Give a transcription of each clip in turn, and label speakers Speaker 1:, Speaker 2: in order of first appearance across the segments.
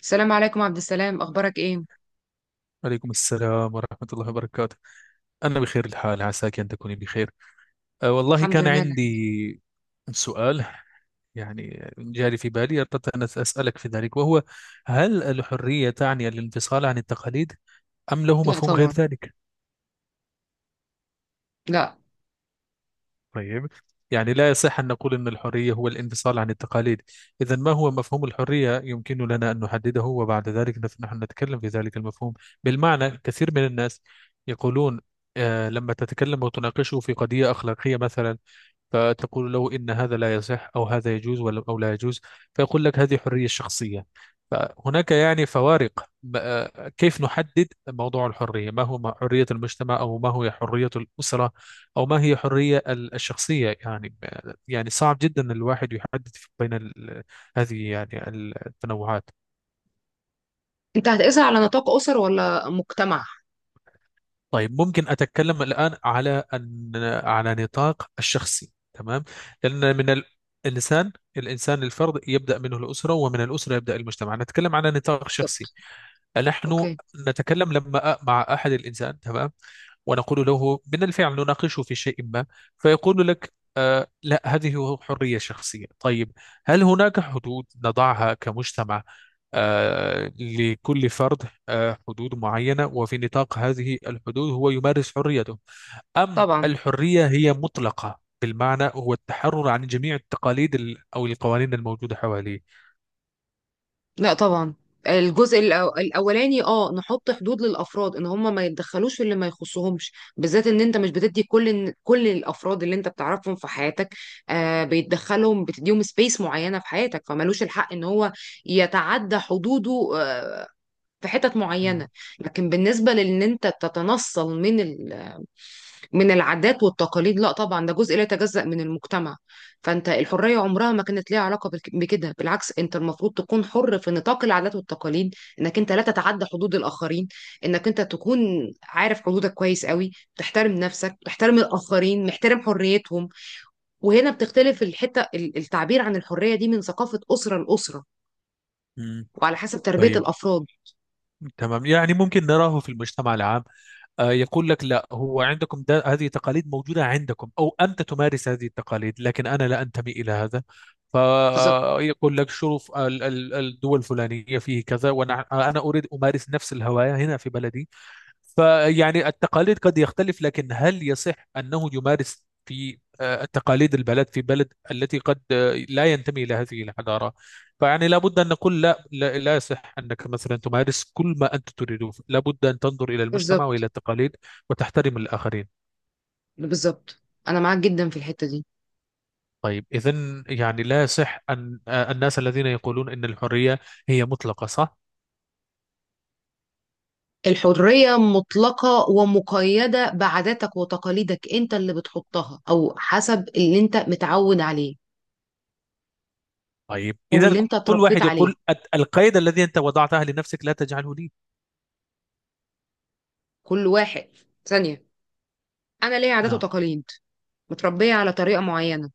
Speaker 1: السلام عليكم عبد السلام، اخبارك ايه؟
Speaker 2: عليكم السلام ورحمة الله وبركاته. أنا بخير الحال، عساك أن تكوني بخير. والله
Speaker 1: الحمد
Speaker 2: كان
Speaker 1: لله، نعم.
Speaker 2: عندي سؤال، يعني جاري في بالي، أردت أن أسألك في ذلك، وهو: هل الحرية تعني الانفصال عن التقاليد أم له
Speaker 1: لا
Speaker 2: مفهوم غير
Speaker 1: طبعا،
Speaker 2: ذلك؟
Speaker 1: لا.
Speaker 2: طيب، يعني لا يصح أن نقول أن الحرية هو الانفصال عن التقاليد. إذا ما هو مفهوم الحرية، يمكن لنا أن نحدده وبعد ذلك نحن نتكلم في ذلك المفهوم. بالمعنى كثير من الناس يقولون، لما تتكلم وتناقشه في قضية أخلاقية مثلا، فتقول له إن هذا لا يصح أو هذا يجوز ولا أو لا يجوز، فيقول لك: هذه حرية شخصية. فهناك يعني فوارق. كيف نحدد موضوع الحرية، ما هو حرية المجتمع أو ما هو حرية الأسرة أو ما هي حرية الشخصية، يعني. يعني صعب جدا إن الواحد يحدد بين هذه، يعني، التنوعات.
Speaker 1: انت هتقيسها على نطاق اسر ولا مجتمع؟
Speaker 2: طيب، ممكن أتكلم الآن على أن، على نطاق الشخصي، تمام. لأن الإنسان الفرد يبدأ منه الأسرة، ومن الأسرة يبدأ المجتمع. نتكلم على نطاق شخصي.
Speaker 1: بالظبط.
Speaker 2: نحن
Speaker 1: اوكي.
Speaker 2: نتكلم لما مع أحد الإنسان، تمام. ونقول له من الفعل نناقشه في شيء ما، فيقول لك: لا، هذه حرية شخصية، طيب. هل هناك حدود نضعها كمجتمع لكل فرد، حدود معينة، وفي نطاق هذه الحدود هو يمارس حريته؟ أم
Speaker 1: طبعا،
Speaker 2: الحرية هي مطلقة، بالمعنى هو التحرر عن جميع التقاليد أو القوانين الموجودة حواليه؟
Speaker 1: لا طبعا. الجزء الاولاني، نحط حدود للافراد ان هم ما يتدخلوش في اللي ما يخصهمش، بالذات ان انت مش بتدي كل كل الافراد اللي انت بتعرفهم في حياتك، بيتدخلهم، بتديهم سبيس معينه في حياتك، فمالوش الحق ان هو يتعدى حدوده، في حتت معينه.
Speaker 2: مم.
Speaker 1: لكن بالنسبه لان انت تتنصل من من العادات والتقاليد، لا طبعا، ده جزء لا يتجزأ من المجتمع. فانت الحرية عمرها ما كانت ليها علاقة بكده، بالعكس، انت المفروض تكون حر في نطاق العادات والتقاليد، انك انت لا تتعدى حدود الآخرين، انك انت تكون عارف حدودك كويس قوي، تحترم نفسك، تحترم الآخرين، محترم حريتهم. وهنا بتختلف الحتة، التعبير عن الحرية دي من ثقافة أسرة لأسرة،
Speaker 2: مم.
Speaker 1: وعلى حسب تربية
Speaker 2: طيب،
Speaker 1: الأفراد.
Speaker 2: تمام. يعني ممكن نراه في المجتمع العام. يقول لك: لا هو عندكم ده، هذه تقاليد موجودة عندكم، أو أنت تمارس هذه التقاليد، لكن أنا لا أنتمي إلى هذا.
Speaker 1: بالظبط.
Speaker 2: فيقول لك: شوف الدول الفلانية فيه كذا، وأنا أريد أمارس نفس الهواية هنا في بلدي. فيعني التقاليد قد يختلف، لكن هل يصح أنه يمارس في التقاليد البلد في بلد التي قد لا ينتمي إلى هذه الحضارة؟ فيعني لابد أن نقول: لا، لا, لا يصح أنك مثلا تمارس كل ما أنت تريده، لابد أن تنظر إلى المجتمع وإلى
Speaker 1: بالظبط.
Speaker 2: التقاليد وتحترم الآخرين.
Speaker 1: بالظبط. أنا معاك جدا في الحتة دي.
Speaker 2: طيب، إذا يعني لا يصح أن الناس الذين يقولون أن الحرية هي مطلقة، صح؟
Speaker 1: الحرية مطلقة ومقيدة بعاداتك وتقاليدك، انت اللي بتحطها او حسب اللي انت متعود عليه
Speaker 2: طيب،
Speaker 1: او
Speaker 2: إذا
Speaker 1: اللي انت
Speaker 2: كل
Speaker 1: اتربيت
Speaker 2: واحد
Speaker 1: عليه.
Speaker 2: يقول: القيد الذي أنت وضعته لنفسك لا تجعله لي.
Speaker 1: كل واحد، ثانية. انا ليا عادات
Speaker 2: نعم.
Speaker 1: وتقاليد، متربية على طريقة معينة،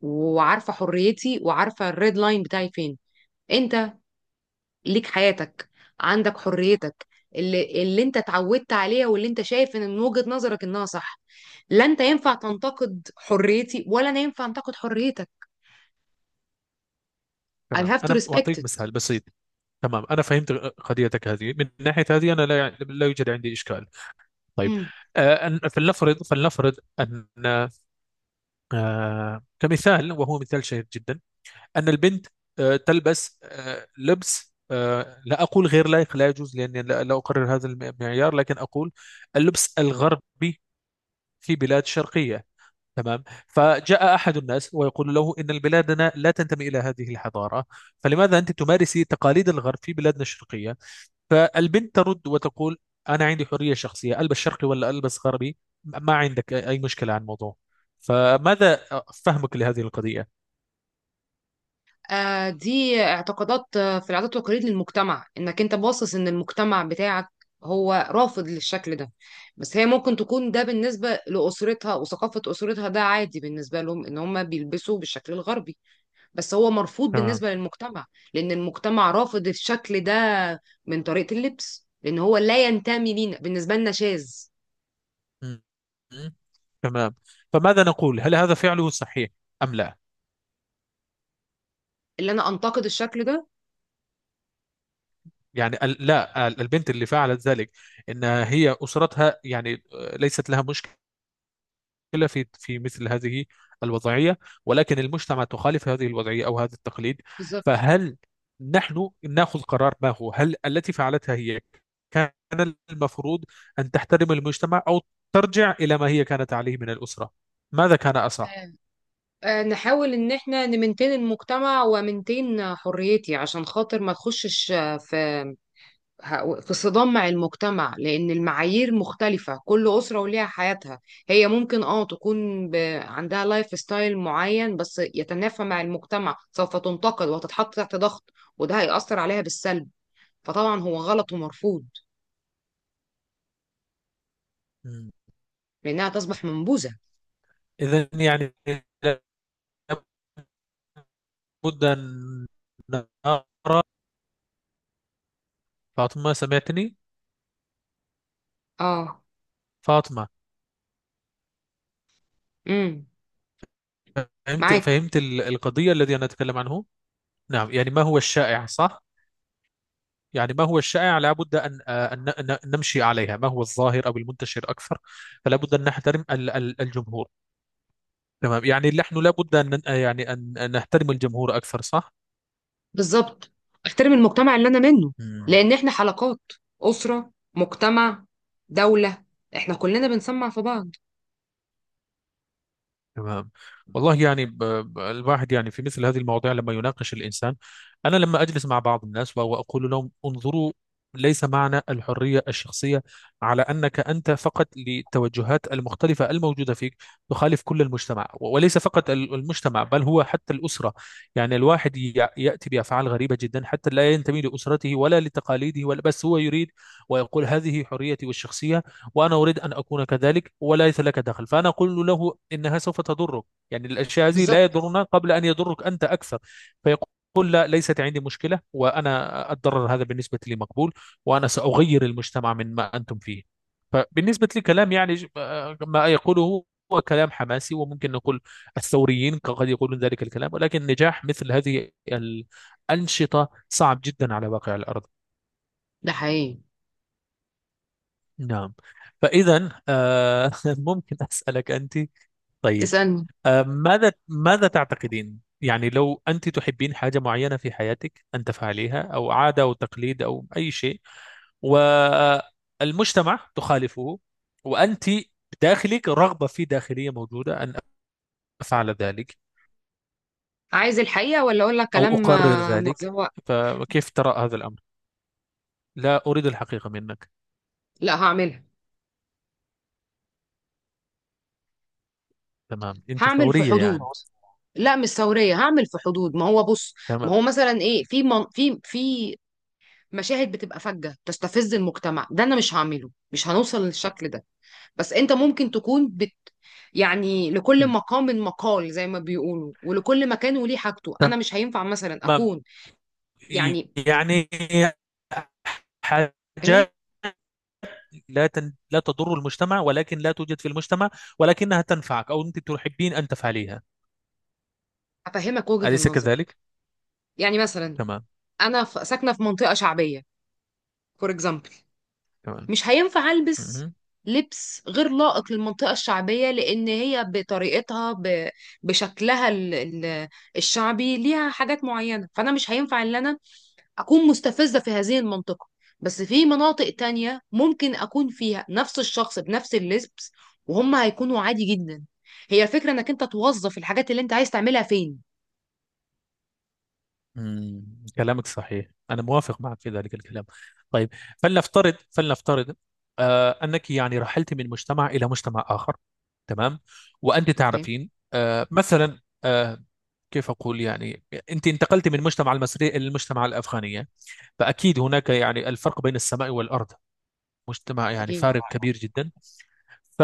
Speaker 1: وعارفة حريتي وعارفة الريد لاين بتاعي فين. انت ليك حياتك، عندك حريتك اللي انت اتعودت عليها واللي انت شايف ان من وجهة نظرك انها صح. لا انت ينفع تنتقد حريتي، ولا انا ينفع انتقد حريتك. I
Speaker 2: تمام،
Speaker 1: have to
Speaker 2: أنا
Speaker 1: respect
Speaker 2: أعطيك مثال بسيط. تمام، أنا فهمت قضيتك هذه. من ناحية هذه أنا لا يعني، لا يوجد عندي إشكال. طيب،
Speaker 1: it.
Speaker 2: فلنفرض أن، كمثال وهو مثال شهير جدا، أن البنت، تلبس، لبس، لا أقول غير لائق لا يجوز، لأني لا أقرر هذا المعيار، لكن أقول: اللبس الغربي في بلاد شرقية. تمام. فجاء أحد الناس ويقول له: إن بلادنا لا تنتمي إلى هذه الحضارة، فلماذا أنت تمارسي تقاليد الغرب في بلادنا الشرقية؟ فالبنت ترد وتقول: أنا عندي حرية شخصية، ألبس شرقي ولا ألبس غربي، ما عندك أي مشكلة عن الموضوع. فماذا فهمك لهذه القضية؟
Speaker 1: دي اعتقادات، في العادات والتقاليد للمجتمع، انك انت باصص ان المجتمع بتاعك هو رافض للشكل ده. بس هي ممكن تكون ده بالنسبة لأسرتها وثقافة أسرتها، ده عادي بالنسبة لهم ان هم بيلبسوا بالشكل الغربي، بس هو مرفوض
Speaker 2: تمام.
Speaker 1: بالنسبة للمجتمع. لأن المجتمع رافض الشكل ده، من طريقة اللبس، لأن هو لا ينتمي لينا، بالنسبة لنا شاذ.
Speaker 2: م- م- تمام. فماذا نقول، هل هذا فعله صحيح أم لا؟
Speaker 1: اللي أنا أنتقد الشكل ده.
Speaker 2: يعني لا، البنت اللي فعلت ذلك، إن هي أسرتها يعني ليست لها مشكلة، مشكلة في مثل هذه الوضعية. ولكن المجتمع تخالف هذه الوضعية أو هذا التقليد.
Speaker 1: بالظبط.
Speaker 2: فهل نحن نأخذ قرار ما هو، هل التي فعلتها هي كان المفروض أن تحترم المجتمع، أو ترجع إلى ما هي كانت عليه من الأسرة، ماذا كان أصح؟
Speaker 1: نحاول ان احنا نمنتين المجتمع ومنتين حريتي عشان خاطر ما تخشش في في صدام مع المجتمع، لان المعايير مختلفة، كل اسرة وليها حياتها. هي ممكن تكون عندها لايف ستايل معين، بس يتنافى مع المجتمع، سوف تنتقد وهتتحط تحت ضغط، وده هيأثر عليها بالسلب. فطبعا هو غلط ومرفوض، لانها تصبح منبوذة.
Speaker 2: إذا يعني لابد أن نرى. فاطمة، سمعتني؟
Speaker 1: اه.
Speaker 2: فاطمة،
Speaker 1: امم.
Speaker 2: فهمت
Speaker 1: معاك.
Speaker 2: فهمت القضية الذي أنا أتكلم عنه؟ نعم. يعني ما هو الشائع، صح؟ يعني ما هو الشائع لابد أن، أن نمشي عليها، ما هو الظاهر أو المنتشر أكثر. فلا بد أن نحترم الجمهور. تمام، يعني نحن لابد أن يعني أن نحترم الجمهور أكثر، صح؟
Speaker 1: بالظبط، احترم المجتمع اللي انا منه.
Speaker 2: مم.
Speaker 1: لان احنا حلقات، اسره، مجتمع، دوله، احنا كلنا بنسمع في بعض.
Speaker 2: تمام. والله يعني الواحد، يعني في مثل هذه المواضيع لما يناقش الإنسان. أنا لما أجلس مع بعض الناس وأقول لهم: انظروا، ليس معنى الحرية الشخصية على أنك أنت فقط للتوجهات المختلفة الموجودة فيك تخالف كل المجتمع، وليس فقط المجتمع بل هو حتى الأسرة. يعني الواحد يأتي بأفعال غريبة جدا حتى لا ينتمي لأسرته ولا لتقاليده ولا، بس هو يريد ويقول: هذه حريتي والشخصية، وأنا أريد أن أكون كذلك وليس لك دخل. فأنا أقول له: إنها سوف تضرك. يعني الأشياء هذه
Speaker 1: بالظبط.
Speaker 2: لا يضرنا قبل أن يضرك أنت أكثر. فيقول: لا، ليست عندي مشكلة، وأنا الضرر هذا بالنسبة لي مقبول، وأنا سأغير المجتمع من ما أنتم فيه. فبالنسبة لي كلام، يعني ما يقوله هو كلام حماسي، وممكن نقول الثوريين قد يقولون ذلك الكلام، ولكن نجاح مثل هذه الأنشطة صعب جدا على واقع الأرض.
Speaker 1: ده حقيقي.
Speaker 2: نعم. فإذا ممكن أسألك أنت؟ طيب.
Speaker 1: اسالني.
Speaker 2: ماذا تعتقدين، يعني لو أنت تحبين حاجة معينة في حياتك أن تفعليها، أو عادة أو تقليد أو أي شيء، والمجتمع تخالفه، وأنت بداخلك رغبة في داخلية موجودة أن أفعل ذلك
Speaker 1: عايز الحقيقه ولا اقول لك
Speaker 2: أو
Speaker 1: كلام
Speaker 2: أقرر ذلك،
Speaker 1: متزوق؟
Speaker 2: فكيف ترى هذا الأمر؟ لا أريد الحقيقة منك.
Speaker 1: لا، هعملها.
Speaker 2: تمام، أنت
Speaker 1: هعمل في
Speaker 2: ثورية
Speaker 1: حدود.
Speaker 2: يعني.
Speaker 1: لا، مش ثوريه، هعمل في حدود. ما هو بص، ما
Speaker 2: تمام.
Speaker 1: هو مثلا ايه، في مشاهد بتبقى فجه تستفز المجتمع، ده انا مش هعمله، مش هنوصل للشكل ده. بس انت ممكن تكون يعني لكل
Speaker 2: م.
Speaker 1: مقام مقال زي ما بيقولوا، ولكل مكان وليه حاجته. انا مش هينفع مثلا
Speaker 2: تمام،
Speaker 1: اكون، يعني
Speaker 2: يعني
Speaker 1: ايه.
Speaker 2: حاجات لا تضر المجتمع، ولكن لا توجد في المجتمع، ولكنها تنفعك أو أنت تحبين أن تفعليها،
Speaker 1: افهمك وجهة
Speaker 2: أليس
Speaker 1: النظر.
Speaker 2: كذلك؟
Speaker 1: يعني مثلا،
Speaker 2: تمام.
Speaker 1: انا ساكنة في منطقة شعبية، فور اكزامبل،
Speaker 2: تمام.
Speaker 1: مش هينفع البس
Speaker 2: مهم.
Speaker 1: لبس غير لائق للمنطقة الشعبية، لأن هي بشكلها الشعبي ليها حاجات معينة. فأنا مش هينفع إن أنا أكون مستفزة في هذه المنطقة. بس في مناطق تانية ممكن أكون فيها نفس الشخص بنفس اللبس وهم هيكونوا عادي جدا. هي الفكرة إنك أنت توظف الحاجات اللي أنت عايز تعملها فين.
Speaker 2: مم. كلامك صحيح، أنا موافق معك في ذلك الكلام. طيب، فلنفترض أنك يعني رحلت من مجتمع إلى مجتمع آخر، تمام. وأنت
Speaker 1: أوكي.
Speaker 2: تعرفين، مثلا، كيف أقول، يعني أنت انتقلت من المجتمع المصري إلى المجتمع الأفغانية. فأكيد هناك يعني الفرق بين السماء والأرض. مجتمع يعني
Speaker 1: أكيد
Speaker 2: فارق
Speaker 1: طبعا.
Speaker 2: كبير جدا. ف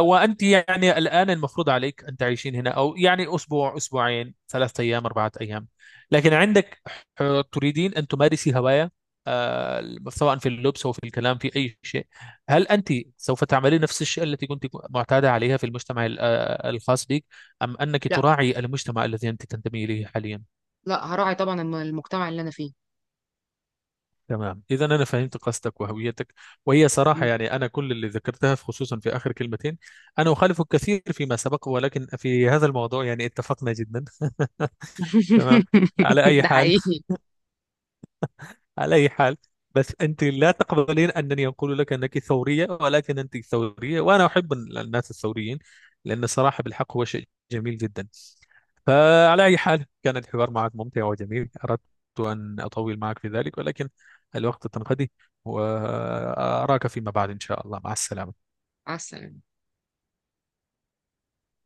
Speaker 2: وأنت يعني الآن المفروض عليك أن تعيشين هنا أو يعني أسبوع أسبوعين 3 أيام 4 أيام. لكن عندك، ح- تريدين أن تمارسي هواية، سواء في اللبس أو في الكلام في أي شيء. هل أنت سوف تعملين نفس الشيء التي كنت معتادة عليها في المجتمع الخاص بك، أم أنك
Speaker 1: لا،
Speaker 2: تراعي المجتمع الذي أنت تنتمي إليه حاليا؟
Speaker 1: لا هراعي طبعا المجتمع اللي أنا فيه.
Speaker 2: تمام، إذا أنا فهمت قصدك وهويتك، وهي صراحة.
Speaker 1: مم.
Speaker 2: يعني أنا كل اللي ذكرتها خصوصا في آخر كلمتين، أنا أخالفك كثير فيما سبق، ولكن في هذا الموضوع يعني اتفقنا جدا. تمام. على أي
Speaker 1: ده
Speaker 2: حال،
Speaker 1: حقيقي.
Speaker 2: على أي حال، بس أنت لا تقبلين أنني أقول لك أنك ثورية، ولكن أنت ثورية وأنا أحب الناس الثوريين، لأن صراحة بالحق هو شيء جميل جدا. فعلى أي حال كان الحوار معك ممتع وجميل، أردت أن أطول معك في ذلك، ولكن الوقت تنقضي. وأراك فيما بعد إن شاء الله. مع السلامة.
Speaker 1: مع السلامة.